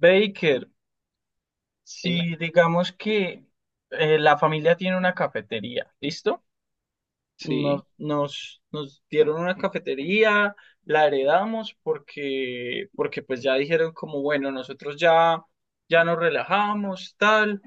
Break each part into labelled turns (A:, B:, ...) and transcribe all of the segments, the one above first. A: Baker,
B: Dime.
A: si digamos que la familia tiene una cafetería, ¿listo? Nos,
B: Sí,
A: nos, nos dieron una cafetería, la heredamos porque pues ya dijeron como, bueno, nosotros ya nos relajamos, tal,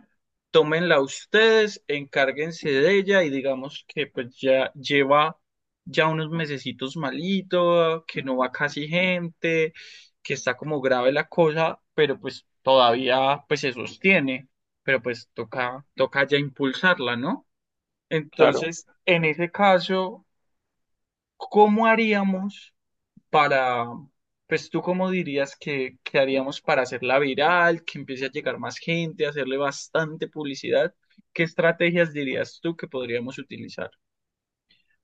A: tómenla ustedes, encárguense de ella y digamos que pues ya lleva ya unos mesecitos malito, que no va casi gente, que está como grave la cosa, pero pues todavía pues se sostiene, pero pues toca ya impulsarla, ¿no?
B: claro.
A: Entonces, en ese caso, ¿cómo haríamos para, pues tú cómo dirías que haríamos para hacerla viral, que empiece a llegar más gente, hacerle bastante publicidad? ¿Qué estrategias dirías tú que podríamos utilizar?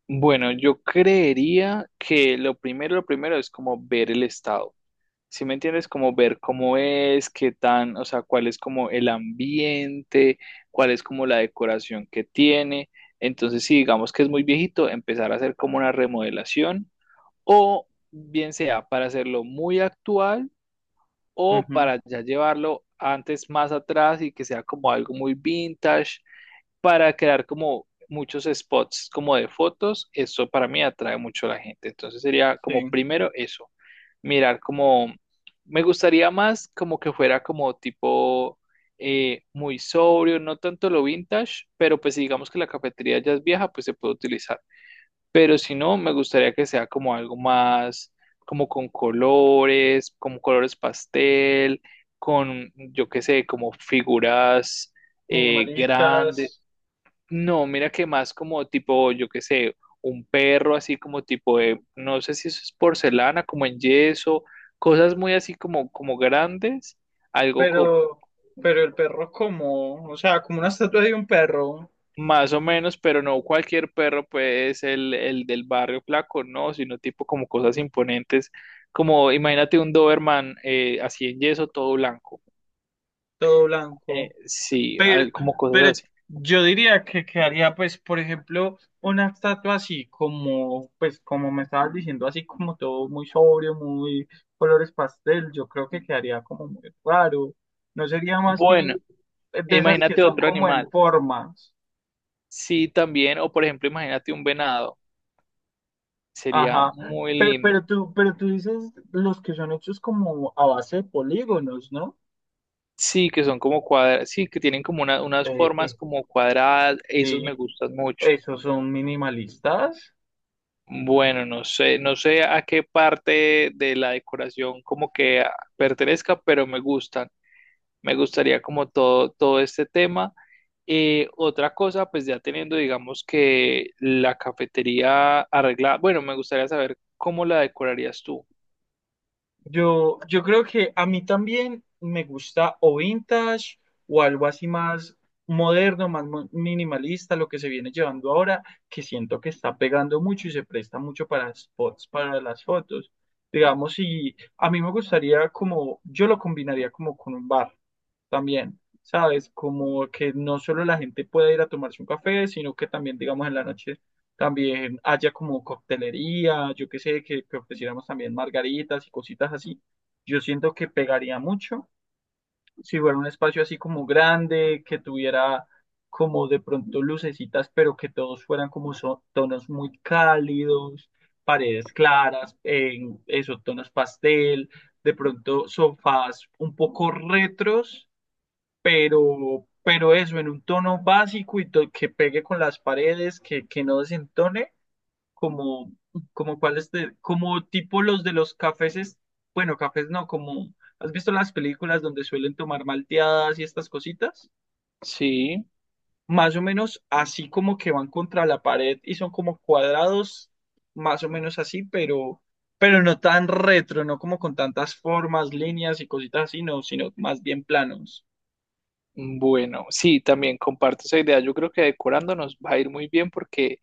B: Bueno, yo creería que lo primero es como ver el estado. ¿Sí me entiendes? Como ver cómo es, qué tan, o sea, cuál es como el ambiente, cuál es como la decoración que tiene. Entonces, si digamos que es muy viejito, empezar a hacer como una remodelación o bien sea para hacerlo muy actual o
A: Ujú,
B: para ya llevarlo antes más atrás y que sea como algo muy vintage para crear como muchos spots como de fotos, eso para mí atrae mucho a la gente. Entonces sería como
A: sí,
B: primero eso, mirar como, me gustaría más como que fuera como tipo muy sobrio, no tanto lo vintage, pero pues si digamos que la cafetería ya es vieja, pues se puede utilizar. Pero si no, me gustaría que sea como algo más, como con colores, como colores pastel, con, yo qué sé, como figuras grandes,
A: minimalistas.
B: no, mira que más como tipo, yo qué sé, un perro así como tipo de, no sé si eso es porcelana, como en yeso, cosas muy así como, como grandes, algo co-
A: Pero, pero el perro como, o sea, como una estatua de un perro,
B: más o menos, pero no cualquier perro pues el del barrio flaco, no, sino tipo como cosas imponentes, como imagínate un Doberman así en yeso, todo blanco.
A: todo blanco.
B: Sí,
A: Pero,
B: hay como cosas
A: pero
B: así.
A: yo diría que quedaría, pues, por ejemplo, una estatua así como, pues, como me estabas diciendo, así como todo muy sobrio, muy colores pastel, yo creo que quedaría como muy raro. No sería más
B: Bueno,
A: bien
B: e
A: de esas que
B: imagínate
A: son
B: otro
A: como
B: animal.
A: en formas.
B: Sí, también, o por ejemplo, imagínate un venado. Sería
A: Ajá.
B: muy
A: Pe-
B: lindo.
A: Pero, tú, pero tú dices los que son hechos como a base de polígonos, ¿no?
B: Sí, que son como cuadradas, sí, que tienen como unas
A: Eh,
B: formas
A: eh,
B: como cuadradas, esos me
A: eh,
B: gustan mucho.
A: esos son minimalistas.
B: Bueno, no sé, no sé a qué parte de la decoración como que pertenezca, pero me gustan. Me gustaría como todo, todo este tema. Otra cosa, pues ya teniendo, digamos que la cafetería arreglada, bueno, me gustaría saber cómo la decorarías tú.
A: Yo creo que a mí también me gusta o vintage o algo así más moderno, minimalista, lo que se viene llevando ahora, que siento que está pegando mucho y se presta mucho para spots, para las fotos. Digamos, y a mí me gustaría como, yo lo combinaría como con un bar también, ¿sabes? Como que no solo la gente pueda ir a tomarse un café, sino que también, digamos, en la noche también haya como coctelería, yo qué sé, que ofreciéramos también margaritas y cositas así. Yo siento que pegaría mucho si fuera un espacio así como grande, que tuviera como de pronto lucecitas, pero que todos fueran tonos muy cálidos, paredes claras, en esos tonos pastel, de pronto sofás un poco retros pero eso en un tono básico que pegue con las paredes, que no desentone, como, como tipo los de los cafés, bueno, cafés no, como, ¿has visto las películas donde suelen tomar malteadas y estas cositas?
B: Sí.
A: Más o menos así como que van contra la pared y son como cuadrados, más o menos así, pero no tan retro, no como con tantas formas, líneas y cositas así, no, sino más bien planos.
B: Bueno, sí, también comparto esa idea. Yo creo que decorando nos va a ir muy bien porque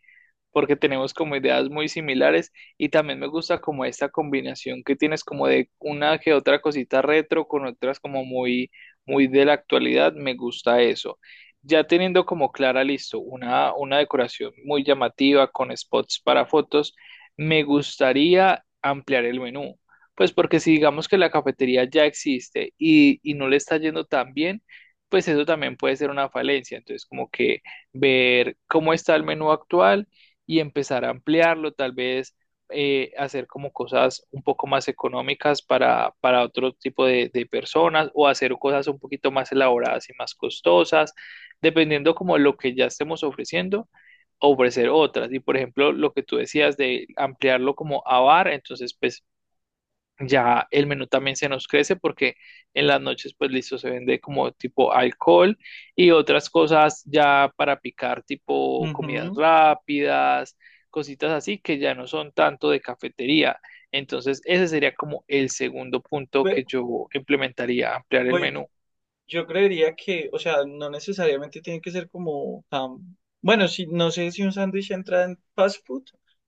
B: porque tenemos como ideas muy similares y también me gusta como esta combinación que tienes como de una que otra cosita retro con otras como muy muy de la actualidad, me gusta eso. Ya teniendo como clara, listo, una decoración muy llamativa con spots para fotos, me gustaría ampliar el menú. Pues porque si digamos que la cafetería ya existe y no le está yendo tan bien, pues eso también puede ser una falencia. Entonces, como que ver cómo está el menú actual y empezar a ampliarlo, tal vez hacer como cosas un poco más económicas para otro tipo de personas o hacer cosas un poquito más elaboradas y más costosas, dependiendo como lo que ya estemos ofreciendo ofrecer otras. Y por ejemplo, lo que tú decías de ampliarlo como a bar, entonces pues ya el menú también se nos crece porque en las noches, pues listo, se vende como tipo alcohol y otras cosas ya para picar, tipo comidas
A: Ujú.
B: rápidas, cositas así que ya no son tanto de cafetería. Entonces, ese sería como el segundo punto
A: Pe-
B: que yo implementaría, ampliar el
A: Pues,
B: menú.
A: yo creería que, o sea, no necesariamente tiene que ser como tan... Bueno, si, no sé si un sándwich entra en fast food,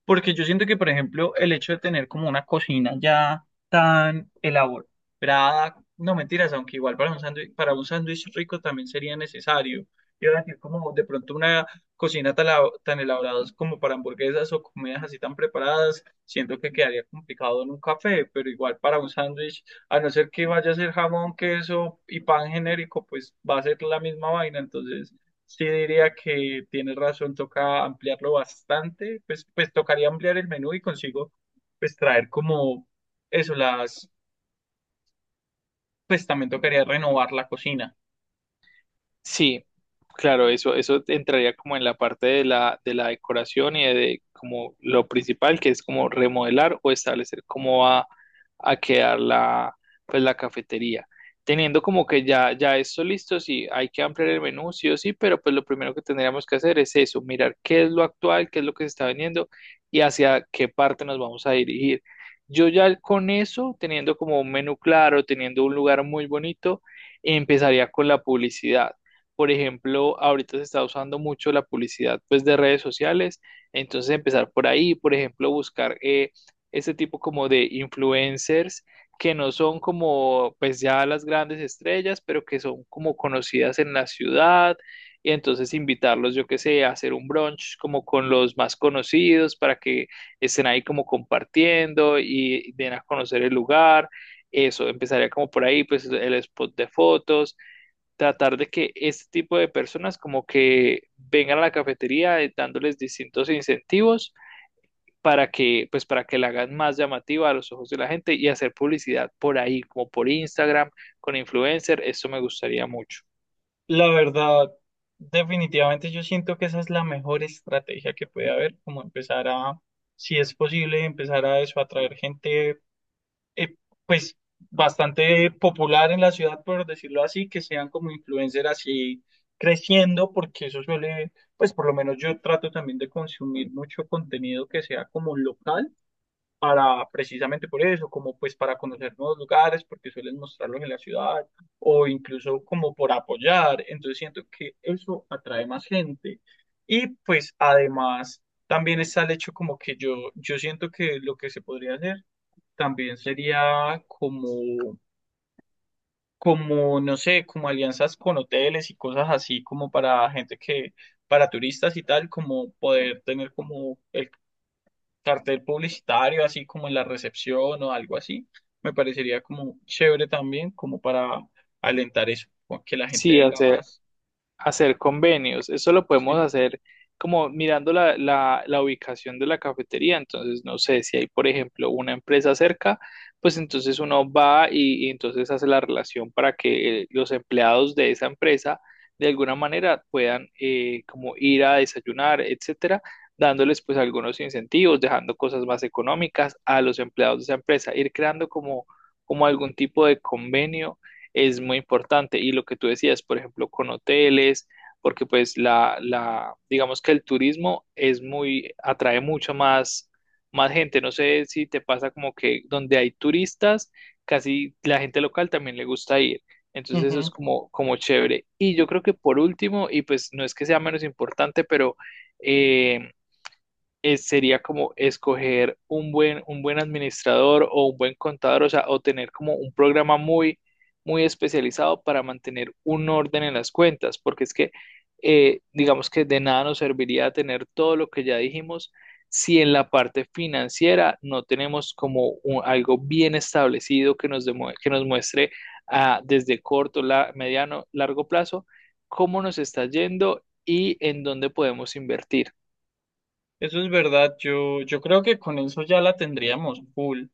A: porque yo siento que, por ejemplo, el hecho de tener como una cocina ya tan elaborada, no mentiras, aunque igual para un sándwich rico también sería necesario. Yo iba a decir como de pronto una cocina tan, tan elaborada como para hamburguesas o comidas así tan preparadas, siento que quedaría complicado en un café, pero igual para un sándwich a no ser que vaya a ser jamón, queso y pan genérico, pues va a ser la misma vaina. Entonces, sí diría que tienes razón, toca ampliarlo bastante. Pues, pues tocaría ampliar el menú y consigo, pues traer como eso, las, pues también tocaría renovar la cocina.
B: Sí, claro, eso entraría como en la parte de la decoración y de, como lo principal, que es como remodelar o establecer cómo va a quedar la, pues la cafetería. Teniendo como que ya, ya esto listo, sí, hay que ampliar el menú, sí o sí, pero pues lo primero que tendríamos que hacer es eso, mirar qué es lo actual, qué es lo que se está vendiendo y hacia qué parte nos vamos a dirigir. Yo ya con eso, teniendo como un menú claro, teniendo un lugar muy bonito, empezaría con la publicidad por ejemplo, ahorita se está usando mucho la publicidad pues de redes sociales, entonces empezar por ahí, por ejemplo, buscar este tipo como de influencers que no son como pues ya las grandes estrellas, pero que son como conocidas en la ciudad y entonces invitarlos, yo qué sé, a hacer un brunch como con los más conocidos para que estén ahí como compartiendo y den a conocer el lugar. Eso, empezaría como por ahí, pues el spot de fotos tratar de que este tipo de personas como que vengan a la cafetería dándoles distintos incentivos para que pues para que la hagan más llamativa a los ojos de la gente y hacer publicidad por ahí, como por Instagram, con influencer, eso me gustaría mucho.
A: La verdad, definitivamente yo siento que esa es la mejor estrategia que puede haber, como empezar a, si es posible, empezar a eso, atraer gente eh, pues bastante popular en la ciudad, por decirlo así, que sean como influencer así creciendo, porque eso suele, pues por lo menos yo trato también de consumir mucho contenido que sea como local, para precisamente por eso, como pues para conocer nuevos lugares, porque suelen mostrarlos en la ciudad, o incluso como por apoyar, entonces siento que eso atrae más gente. Y pues además... También está el hecho como que yo siento que lo que se podría hacer también sería como, como, no sé, como alianzas con hoteles y cosas así, como para gente que, para turistas y tal, como poder tener como el cartel publicitario, así como en la recepción o algo así. Me parecería como chévere también, como para alentar eso, o que la gente
B: Sí,
A: venga
B: hacer,
A: más.
B: hacer convenios. Eso lo podemos
A: Sí.
B: hacer como mirando la ubicación de la cafetería. Entonces, no sé si hay, por ejemplo, una empresa cerca, pues entonces uno va y entonces hace la relación para que los empleados de esa empresa de alguna manera puedan como ir a desayunar, etcétera, dándoles pues algunos incentivos, dejando cosas más económicas a los empleados de esa empresa, ir creando como, como algún tipo de convenio es muy importante. Y lo que tú decías, por ejemplo, con hoteles, porque pues digamos que el turismo es muy, atrae mucho más, más gente. No sé si te pasa como que donde hay turistas, casi la gente local también le gusta ir. Entonces eso es
A: Ujú.
B: como, como chévere. Y yo creo que por último, y pues no es que sea menos importante, pero eh, sería como escoger un buen administrador o un buen contador, o sea, o tener como un programa muy, muy especializado para mantener un orden en las cuentas, porque es que, digamos que de nada nos serviría tener todo lo que ya dijimos si en la parte financiera no tenemos como algo bien establecido que nos, que nos muestre desde corto, la, mediano, largo plazo, cómo nos está yendo y en dónde podemos invertir.
A: Eso es verdad. Yo creo que con eso ya la tendríamos full.